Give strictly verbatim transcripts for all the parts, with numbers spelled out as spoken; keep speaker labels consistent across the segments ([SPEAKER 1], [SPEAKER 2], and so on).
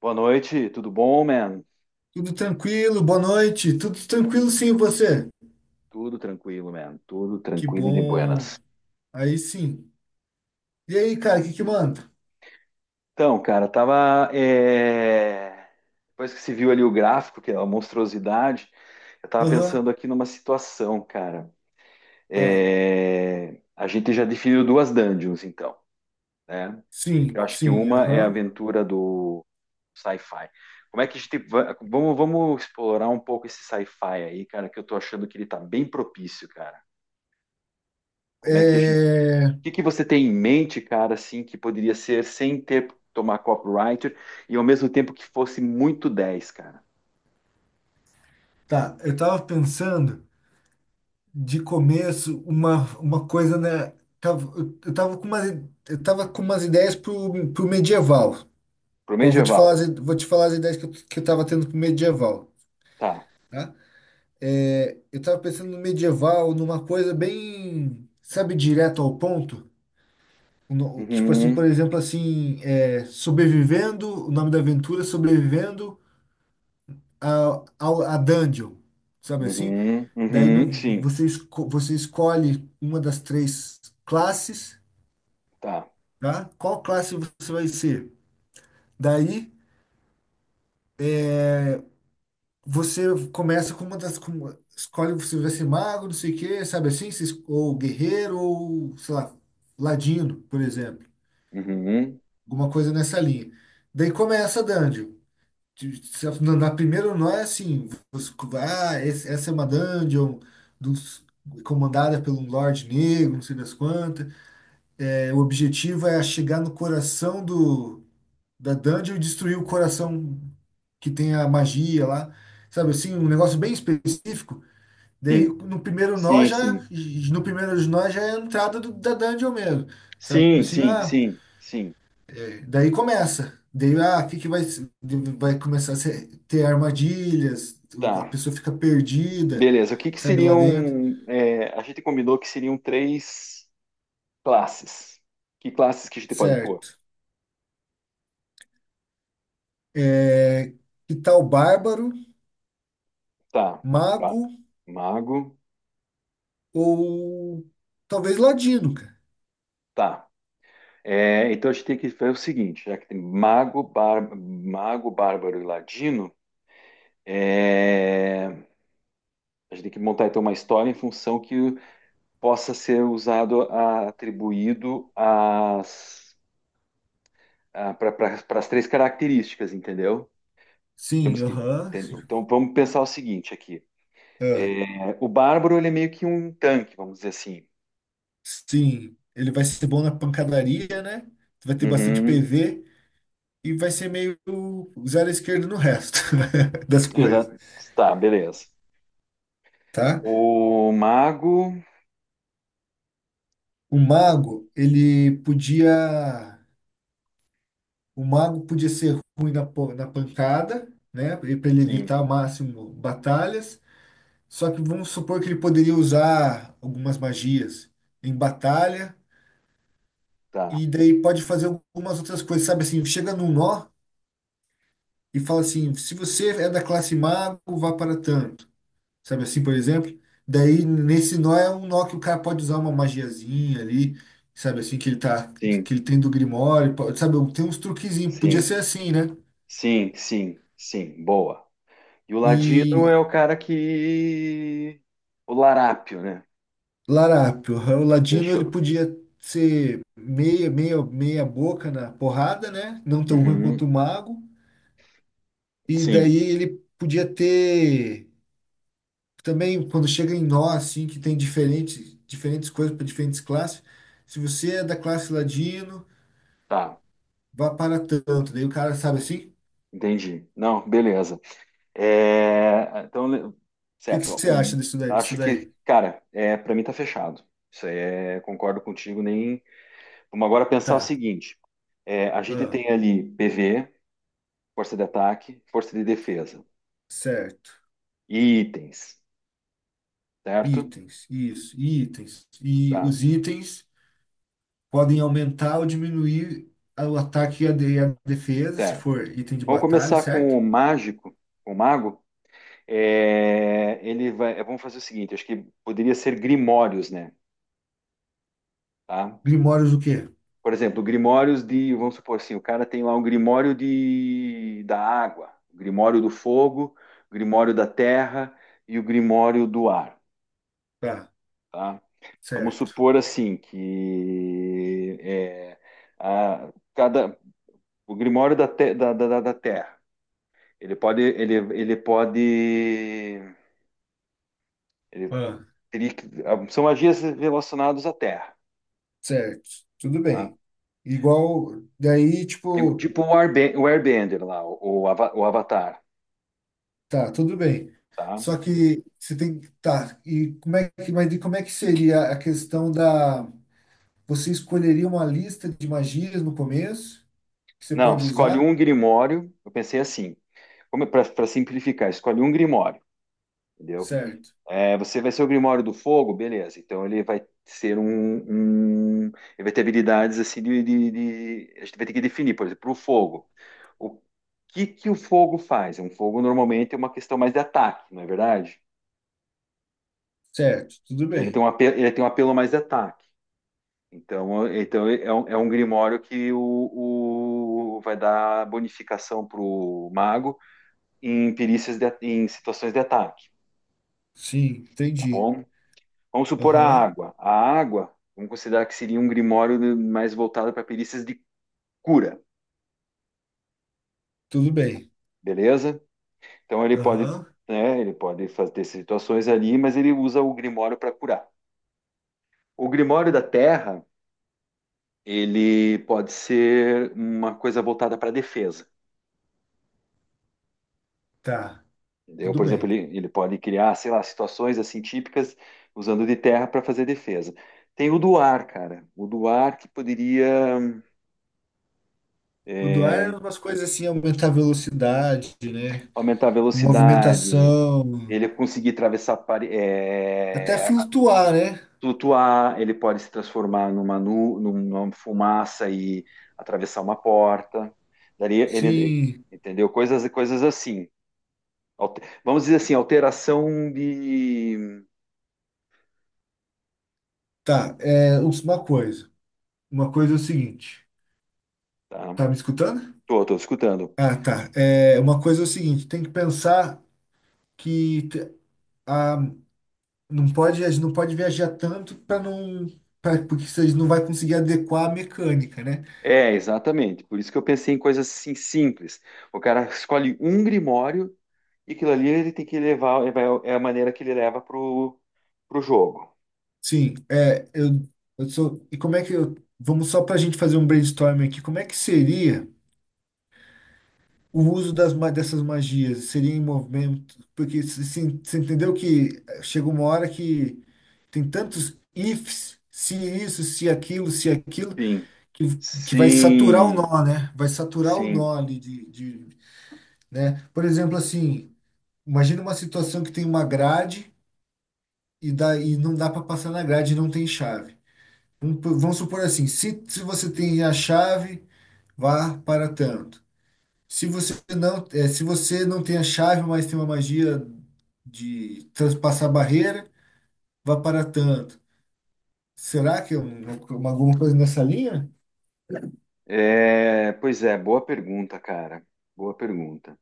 [SPEAKER 1] Boa noite, tudo bom, man?
[SPEAKER 2] Tudo tranquilo, boa noite. Tudo tranquilo, sim, e você?
[SPEAKER 1] Tudo tranquilo, man. Tudo
[SPEAKER 2] Que
[SPEAKER 1] tranquilo e de
[SPEAKER 2] bom.
[SPEAKER 1] buenas.
[SPEAKER 2] Aí sim. E aí, cara, o que que manda?
[SPEAKER 1] Então, cara, tava. é, depois que se viu ali o gráfico, que é uma monstruosidade, eu tava
[SPEAKER 2] Aham,
[SPEAKER 1] pensando aqui numa situação, cara.
[SPEAKER 2] ah,
[SPEAKER 1] É, A gente já definiu duas dungeons, então, né? Eu
[SPEAKER 2] sim,
[SPEAKER 1] acho que
[SPEAKER 2] sim,
[SPEAKER 1] uma é a
[SPEAKER 2] aham.
[SPEAKER 1] aventura do sci-fi. Como é que a gente. Va- Vamos, vamos explorar um pouco esse sci-fi aí, cara, que eu tô achando que ele tá bem propício, cara. Como é que a
[SPEAKER 2] É...
[SPEAKER 1] que que você tem em mente, cara, assim, que poderia ser sem ter tomar copyright e ao mesmo tempo que fosse muito dez, cara?
[SPEAKER 2] Tá, eu tava pensando de começo uma, uma coisa, né? Tava- eu eu tava com umas, eu tava com umas ideias pro, pro medieval.
[SPEAKER 1] Pro
[SPEAKER 2] Pô, vou te
[SPEAKER 1] medieval.
[SPEAKER 2] falar, as- vou te falar as ideias que eu, que eu tava tendo pro medieval,
[SPEAKER 1] Tá.
[SPEAKER 2] tá? É, eu tava pensando no medieval, numa coisa bem, sabe, direto ao ponto. O no- Tipo assim, por
[SPEAKER 1] Uhum,
[SPEAKER 2] exemplo, assim, é, sobrevivendo, o nome da aventura, é sobrevivendo a, ao- a, dungeon, sabe assim?
[SPEAKER 1] uhum,
[SPEAKER 2] Daí no,
[SPEAKER 1] uhum, sim.
[SPEAKER 2] você, esco- você escolhe uma das três classes,
[SPEAKER 1] Tá.
[SPEAKER 2] tá? Qual classe você vai ser? Daí Você começa com uma das. Com uma- escolhe se vai ser mago, não sei o quê, sabe assim? Se es- Ou guerreiro, ou, sei lá, ladino, por exemplo.
[SPEAKER 1] Uhum,
[SPEAKER 2] Alguma coisa nessa linha. Daí começa a dungeon. De- se- Na na primeira não é assim. Você- ah, esse- essa é uma dungeon dos- comandada pelo Lorde Negro, não sei das quantas. É, o objetivo é chegar no coração do, da dungeon e destruir o coração que tem a magia lá. Sabe assim? Um negócio bem específico. Daí
[SPEAKER 1] sim.
[SPEAKER 2] no primeiro nó
[SPEAKER 1] Sim,
[SPEAKER 2] já,
[SPEAKER 1] sim.
[SPEAKER 2] no primeiro nó já é a entrada do, da dungeon mesmo. Sabe
[SPEAKER 1] Sim,
[SPEAKER 2] assim,
[SPEAKER 1] sim,
[SPEAKER 2] ah,
[SPEAKER 1] sim, sim.
[SPEAKER 2] daí começa. Daí, ah, o que que vai, se- vai começar a ser- ter armadilhas, a
[SPEAKER 1] Tá.
[SPEAKER 2] pessoa fica perdida,
[SPEAKER 1] Beleza. O que que
[SPEAKER 2] sabe, lá
[SPEAKER 1] seriam,
[SPEAKER 2] dentro.
[SPEAKER 1] é, a gente combinou que seriam três classes. Que classes que a gente pode pôr?
[SPEAKER 2] Certo. É, que tal bárbaro,
[SPEAKER 1] Tá. Tá.
[SPEAKER 2] mago
[SPEAKER 1] Mago.
[SPEAKER 2] ou talvez ladino, cara?
[SPEAKER 1] Tá. É, então a gente tem que fazer o seguinte, já que tem mago, bar- mago, bárbaro e ladino, é, a gente tem que montar então uma história em função que possa ser usado, a- atribuído às, para as três características, entendeu?
[SPEAKER 2] Sim,
[SPEAKER 1] Temos que,
[SPEAKER 2] aham.
[SPEAKER 1] entendeu? Então vamos pensar o seguinte aqui.
[SPEAKER 2] Ah,
[SPEAKER 1] É, o bárbaro ele é meio que um tanque, vamos dizer assim.
[SPEAKER 2] sim, ele vai ser bom na pancadaria, né? Vai ter bastante
[SPEAKER 1] Uhum,
[SPEAKER 2] P V. E vai ser meio zero à esquerda no resto das coisas,
[SPEAKER 1] exato. Tá, beleza.
[SPEAKER 2] tá?
[SPEAKER 1] O mago,
[SPEAKER 2] O mago, ele podia, o mago podia ser ruim na, po- na pancada, né? Para ele
[SPEAKER 1] sim,
[SPEAKER 2] evitar ao máximo batalhas. Só que vamos supor que ele poderia usar algumas magias em batalha
[SPEAKER 1] tá,
[SPEAKER 2] e daí pode fazer algumas outras coisas, sabe assim, chega num nó e fala assim, se você é da classe mago, vá para tanto. Sabe assim, por exemplo. Daí nesse nó é um nó que o cara pode usar uma magiazinha ali, sabe assim, que ele tá,
[SPEAKER 1] sim,
[SPEAKER 2] que ele tem do Grimório, po- sabe, tem uns truquezinhos, podia
[SPEAKER 1] sim.
[SPEAKER 2] ser assim, né?
[SPEAKER 1] Sim, sim, sim, boa. E o Ladino
[SPEAKER 2] E
[SPEAKER 1] é o cara que. O larápio, né?
[SPEAKER 2] Larápio, o Ladino ele
[SPEAKER 1] Fechou.
[SPEAKER 2] podia ser meia, meia, meia boca na porrada, né? Não tão ruim
[SPEAKER 1] Uhum,
[SPEAKER 2] quanto o Mago, e
[SPEAKER 1] sim,
[SPEAKER 2] daí ele podia ter também quando chega em nó assim que tem diferentes diferentes coisas para diferentes classes. Se você é da classe Ladino,
[SPEAKER 1] tá,
[SPEAKER 2] vá para tanto. Daí o cara sabe assim?
[SPEAKER 1] entendi. Não, beleza. É, então, le-
[SPEAKER 2] O que que
[SPEAKER 1] certo,
[SPEAKER 2] você
[SPEAKER 1] o-
[SPEAKER 2] acha disso daí? Disso
[SPEAKER 1] acho que,
[SPEAKER 2] daí?
[SPEAKER 1] cara, é, para mim tá fechado. Isso aí é, concordo contigo, nem. Vamos agora pensar o
[SPEAKER 2] Tá.
[SPEAKER 1] seguinte: é, a gente
[SPEAKER 2] Ah,
[SPEAKER 1] tem ali P V, força de ataque, força de defesa,
[SPEAKER 2] certo.
[SPEAKER 1] e itens, certo?
[SPEAKER 2] Itens, isso, itens. E
[SPEAKER 1] Tá,
[SPEAKER 2] os itens podem aumentar ou diminuir a- o ataque e a, de- e a defesa, se
[SPEAKER 1] certo.
[SPEAKER 2] for item de
[SPEAKER 1] Vamos
[SPEAKER 2] batalha,
[SPEAKER 1] começar com
[SPEAKER 2] certo?
[SPEAKER 1] o mágico, com o mago. É, ele vai, é, vamos fazer o seguinte, acho que poderia ser grimórios, né? Tá?
[SPEAKER 2] Grimórios o quê?
[SPEAKER 1] Por exemplo, grimórios de, vamos supor assim, o cara tem lá um grimório de, da água, o grimório do fogo, o grimório da terra e o grimório do ar,
[SPEAKER 2] Tá,
[SPEAKER 1] tá? Vamos
[SPEAKER 2] certo.
[SPEAKER 1] supor assim que é, a- cada, o grimório da, te- da, da, da da terra, ele pode, ele, ele pode ele
[SPEAKER 2] Ah,
[SPEAKER 1] teria que, ah, são magias relacionadas à Terra,
[SPEAKER 2] certo. Tudo
[SPEAKER 1] tá?
[SPEAKER 2] bem. Igual, daí,
[SPEAKER 1] É
[SPEAKER 2] tipo,
[SPEAKER 1] tipo o, Airbe- o Airbender lá, o, o Ava- o Avatar,
[SPEAKER 2] tá, tudo bem.
[SPEAKER 1] tá?
[SPEAKER 2] Só que você tem que. Tá, e como é que, mas e como é que seria a questão da. Você escolheria uma lista de magias no começo que você
[SPEAKER 1] Não,
[SPEAKER 2] pode
[SPEAKER 1] escolhe
[SPEAKER 2] usar?
[SPEAKER 1] um grimório. Eu pensei assim, para simplificar, escolhe um grimório, entendeu?
[SPEAKER 2] Certo.
[SPEAKER 1] É, você vai ser o grimório do fogo, beleza. Então ele vai ser um, um- ele vai ter habilidades assim de, de- de- a gente vai ter que definir, por exemplo, o fogo. O que que o fogo faz? Um fogo normalmente é uma questão mais de ataque, não é verdade?
[SPEAKER 2] Certo, tudo
[SPEAKER 1] Então ele tem um
[SPEAKER 2] bem.
[SPEAKER 1] apelo, ele tem um apelo mais de ataque. Então, então é um, é um grimório que o, o- vai dar bonificação para o mago em perícias de, em situações de ataque,
[SPEAKER 2] Sim,
[SPEAKER 1] tá
[SPEAKER 2] entendi.
[SPEAKER 1] bom? Vamos supor a
[SPEAKER 2] Aham,
[SPEAKER 1] água. A água, vamos considerar que seria um grimório de- mais voltado para perícias de cura,
[SPEAKER 2] tudo bem.
[SPEAKER 1] beleza? Então ele pode,
[SPEAKER 2] Aham,
[SPEAKER 1] né, ele pode fazer situações ali, mas ele usa o grimório para curar. O grimório da terra, ele pode ser uma coisa voltada para defesa.
[SPEAKER 2] tá,
[SPEAKER 1] Entendeu?
[SPEAKER 2] tudo
[SPEAKER 1] Por exemplo,
[SPEAKER 2] bem.
[SPEAKER 1] ele, ele pode criar, sei lá, situações assim típicas usando de terra para fazer defesa. Tem o do ar, cara. O do ar que poderia
[SPEAKER 2] O do ar é
[SPEAKER 1] é,
[SPEAKER 2] umas coisas assim, aumentar a velocidade, né?
[SPEAKER 1] aumentar a velocidade,
[SPEAKER 2] Movimentação,
[SPEAKER 1] ele conseguir atravessar, pare-
[SPEAKER 2] até
[SPEAKER 1] é,
[SPEAKER 2] flutuar, né?
[SPEAKER 1] flutuar, ele pode se transformar numa, nu, numa fumaça e atravessar uma porta. Daria, ele,
[SPEAKER 2] Sim,
[SPEAKER 1] entendeu? Coisas, coisas assim. Alte- vamos dizer assim, alteração de...
[SPEAKER 2] tá. É uma coisa. Uma coisa é o seguinte.
[SPEAKER 1] Tá,
[SPEAKER 2] Tá me escutando?
[SPEAKER 1] tô, tô escutando.
[SPEAKER 2] Ah, tá. É, uma coisa é o seguinte, tem que pensar que te- a, Não pode, a gente não pode viajar tanto para não, pra, porque vocês não vai conseguir adequar a mecânica, né?
[SPEAKER 1] É, exatamente. Por isso que eu pensei em coisas assim simples. O cara escolhe um grimório e aquilo ali ele tem que levar, é vai- é a maneira que ele leva pro, pro jogo.
[SPEAKER 2] Sim, é, eu, eu sou. E como é que eu, vamos só para a gente fazer um brainstorming aqui? Como é que seria o uso das, ma- dessas magias? Seria em movimento? Porque assim, você entendeu que chega uma hora que tem tantos ifs, se isso, se aquilo, se aquilo,
[SPEAKER 1] Sim.
[SPEAKER 2] que, que vai saturar o
[SPEAKER 1] Sim,
[SPEAKER 2] nó, né? Vai saturar o
[SPEAKER 1] sim.
[SPEAKER 2] nó ali de, de, né? Por exemplo, assim. Imagina uma situação que tem uma grade e, dá, e não dá para passar na grade e não tem chave. Vamos, po- vamos supor assim, se, se você tem a chave, vá para tanto. Se você não, é, se você não tem a chave, mas tem uma magia de transpassar a barreira, vá para tanto. Será que é um- uma- alguma coisa nessa linha?
[SPEAKER 1] É, pois é, boa pergunta, cara. Boa pergunta.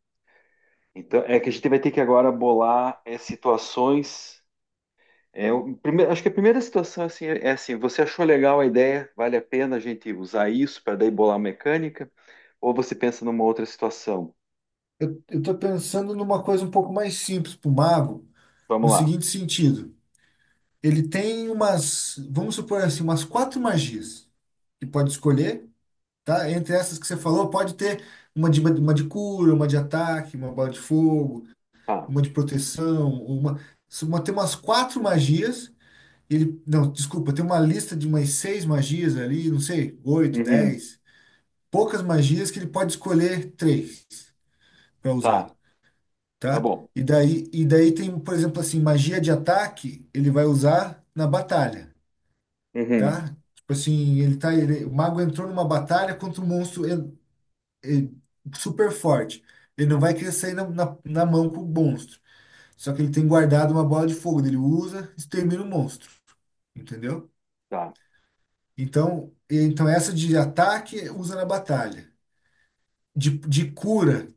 [SPEAKER 1] Então, é que a gente vai ter que agora bolar é, situações. É, o prime- acho que a primeira situação assim, é é assim, você achou legal a ideia, vale a pena a gente usar isso para daí bolar a mecânica, ou você pensa numa outra situação?
[SPEAKER 2] Eu estou pensando numa coisa um pouco mais simples para o mago, no
[SPEAKER 1] Vamos lá.
[SPEAKER 2] seguinte sentido. Ele tem umas, vamos supor assim, umas quatro magias que pode escolher tá? Entre essas que você falou, pode ter uma de, uma de cura, uma de ataque, uma bola de fogo,
[SPEAKER 1] Tá.
[SPEAKER 2] uma de proteção, uma, se uma tem umas quatro magias. Ele, não, desculpa, tem uma lista de umas seis magias ali, não sei, oito,
[SPEAKER 1] Uhum.
[SPEAKER 2] dez, poucas magias que ele pode escolher três para usar,
[SPEAKER 1] Tá. Tá
[SPEAKER 2] tá?
[SPEAKER 1] bom.
[SPEAKER 2] E daí, e daí tem, por exemplo, assim, magia de ataque, ele vai usar na batalha,
[SPEAKER 1] Uhum.
[SPEAKER 2] tá? Tipo assim, ele tá, ele, o mago entrou numa batalha contra o monstro ele- super forte. Ele não vai querer sair na, na, na mão com o monstro. Só que ele tem guardado uma bola de fogo. Ele usa, extermina o monstro. Entendeu?
[SPEAKER 1] Tá.
[SPEAKER 2] Então, então essa de ataque usa na batalha. De, de cura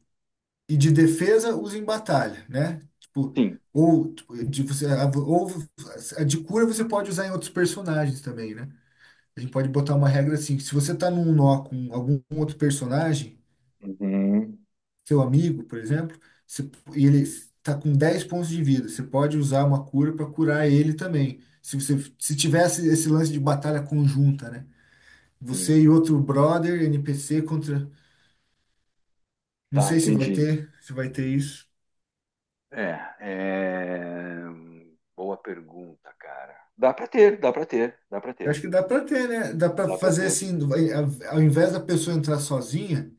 [SPEAKER 2] e de defesa usa em batalha, né? Tipo,
[SPEAKER 1] Sim.
[SPEAKER 2] ou tipo, de, você, ou a de cura você pode usar em outros personagens também, né? A gente pode botar uma regra assim, que se você tá num nó com algum outro personagem,
[SPEAKER 1] Uhum.
[SPEAKER 2] seu amigo, por exemplo, você- e ele está com dez pontos de vida, você pode usar uma cura para curar ele também. Se você se tivesse esse lance de batalha conjunta, né?
[SPEAKER 1] Sim.
[SPEAKER 2] Você e outro brother N P C contra, não
[SPEAKER 1] Tá,
[SPEAKER 2] sei se vai
[SPEAKER 1] entendi.
[SPEAKER 2] ter, se vai ter isso.
[SPEAKER 1] É, é, boa pergunta, cara. Dá para ter, dá para ter, dá para
[SPEAKER 2] Eu
[SPEAKER 1] ter,
[SPEAKER 2] acho que dá para ter, né? Dá para
[SPEAKER 1] dá para
[SPEAKER 2] fazer
[SPEAKER 1] ter.
[SPEAKER 2] assim, do- ao ao invés da pessoa entrar sozinha,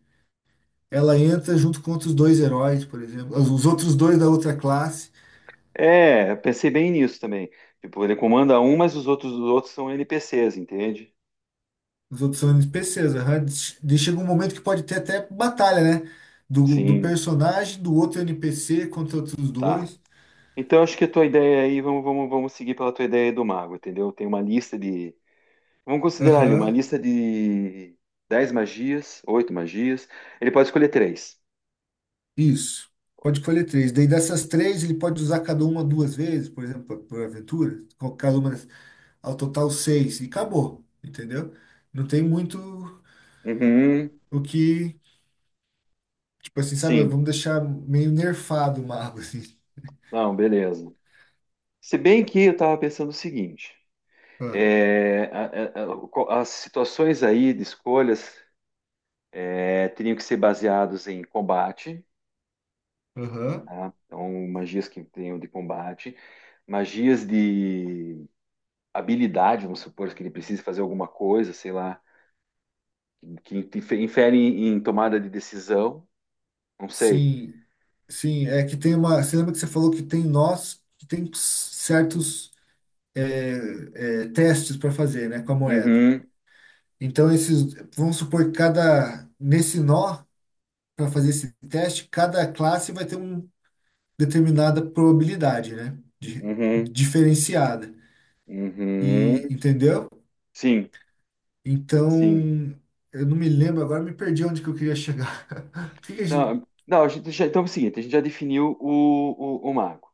[SPEAKER 2] ela entra junto contra os dois heróis, por exemplo, os os outros dois da outra classe.
[SPEAKER 1] É, eu pensei bem nisso também. Tipo, ele comanda um, mas os outros, os outros são N P Cs, entende?
[SPEAKER 2] Os outros são N P Cs, aham. De- Chega um momento que pode ter até batalha, né? Do, do
[SPEAKER 1] Sim,
[SPEAKER 2] personagem, do outro N P C contra outros
[SPEAKER 1] tá.
[SPEAKER 2] dois.
[SPEAKER 1] Então, acho que a tua ideia aí, vamos, vamos, vamos seguir pela tua ideia do mago, entendeu? Tem uma lista de. Vamos considerar ali, uma
[SPEAKER 2] Aham,
[SPEAKER 1] lista de dez magias, oito magias. Ele pode escolher três.
[SPEAKER 2] isso. Pode escolher três. Daí dessas três, ele pode usar cada uma duas vezes, por exemplo, por por aventura. Co- Cada uma, das- ao total seis. E acabou, entendeu? Não tem muito
[SPEAKER 1] Uhum.
[SPEAKER 2] o que, tipo assim, sabe?
[SPEAKER 1] Sim.
[SPEAKER 2] Vamos deixar meio nerfado o mago, assim.
[SPEAKER 1] Não, beleza. Se bem que eu estava pensando o seguinte:
[SPEAKER 2] Ah,
[SPEAKER 1] é, a- a- a- o co- as situações aí de escolhas é, teriam que ser baseadas em combate,
[SPEAKER 2] aham.
[SPEAKER 1] tá? Então, magias que tenham de combate, magias de habilidade, vamos supor que ele precise fazer alguma coisa, sei lá, que infere em tomada de decisão, não sei.
[SPEAKER 2] Sim, sim, é que tem uma. Você lembra que você falou que tem nós que tem certos é, é, testes para fazer, né, com a moeda.
[SPEAKER 1] Uhum,
[SPEAKER 2] Então esses, vamos supor que cada nesse nó para fazer esse teste, cada classe vai ter uma determinada probabilidade, né, de-
[SPEAKER 1] uhum,
[SPEAKER 2] diferenciada. E
[SPEAKER 1] uhum.
[SPEAKER 2] entendeu?
[SPEAKER 1] Sim, sim.
[SPEAKER 2] Então eu não me lembro agora, me perdi onde que eu queria chegar. O que que a gente?
[SPEAKER 1] Não, não, a gente já, então é o seguinte, a gente já definiu o, o, o mago.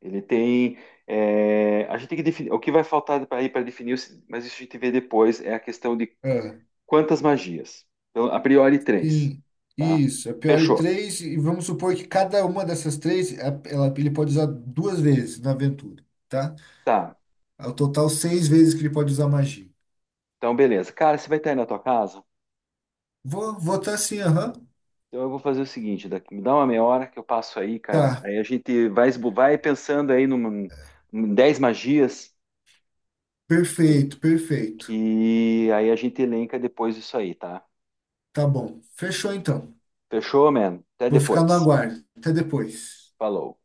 [SPEAKER 1] Ele tem. É, a gente tem que definir. O que vai faltar para para definir, o- mas isso a gente vê depois, é a questão de
[SPEAKER 2] Ah,
[SPEAKER 1] quantas magias. Então, a priori, três.
[SPEAKER 2] sim,
[SPEAKER 1] Tá?
[SPEAKER 2] isso. É pior de
[SPEAKER 1] Fechou.
[SPEAKER 2] três, e vamos supor que cada uma dessas três, a- ela, ele pode usar duas vezes na aventura, tá?
[SPEAKER 1] Tá.
[SPEAKER 2] Ao total, seis vezes que ele pode usar magia.
[SPEAKER 1] Então, beleza. Cara, você vai estar aí na tua casa?
[SPEAKER 2] Vou, vou tá assim, aham.
[SPEAKER 1] Então eu vou fazer o seguinte, daqui, me dá uma meia hora que eu passo aí, cara.
[SPEAKER 2] Tá,
[SPEAKER 1] Aí a gente vai, esbo- vai pensando aí numa, em dez magias tem-
[SPEAKER 2] perfeito, perfeito.
[SPEAKER 1] que aí a gente elenca depois isso aí, tá?
[SPEAKER 2] Tá bom. Fechou então.
[SPEAKER 1] Fechou, man? Até
[SPEAKER 2] Vou ficar no
[SPEAKER 1] depois.
[SPEAKER 2] aguardo. Até depois.
[SPEAKER 1] Falou.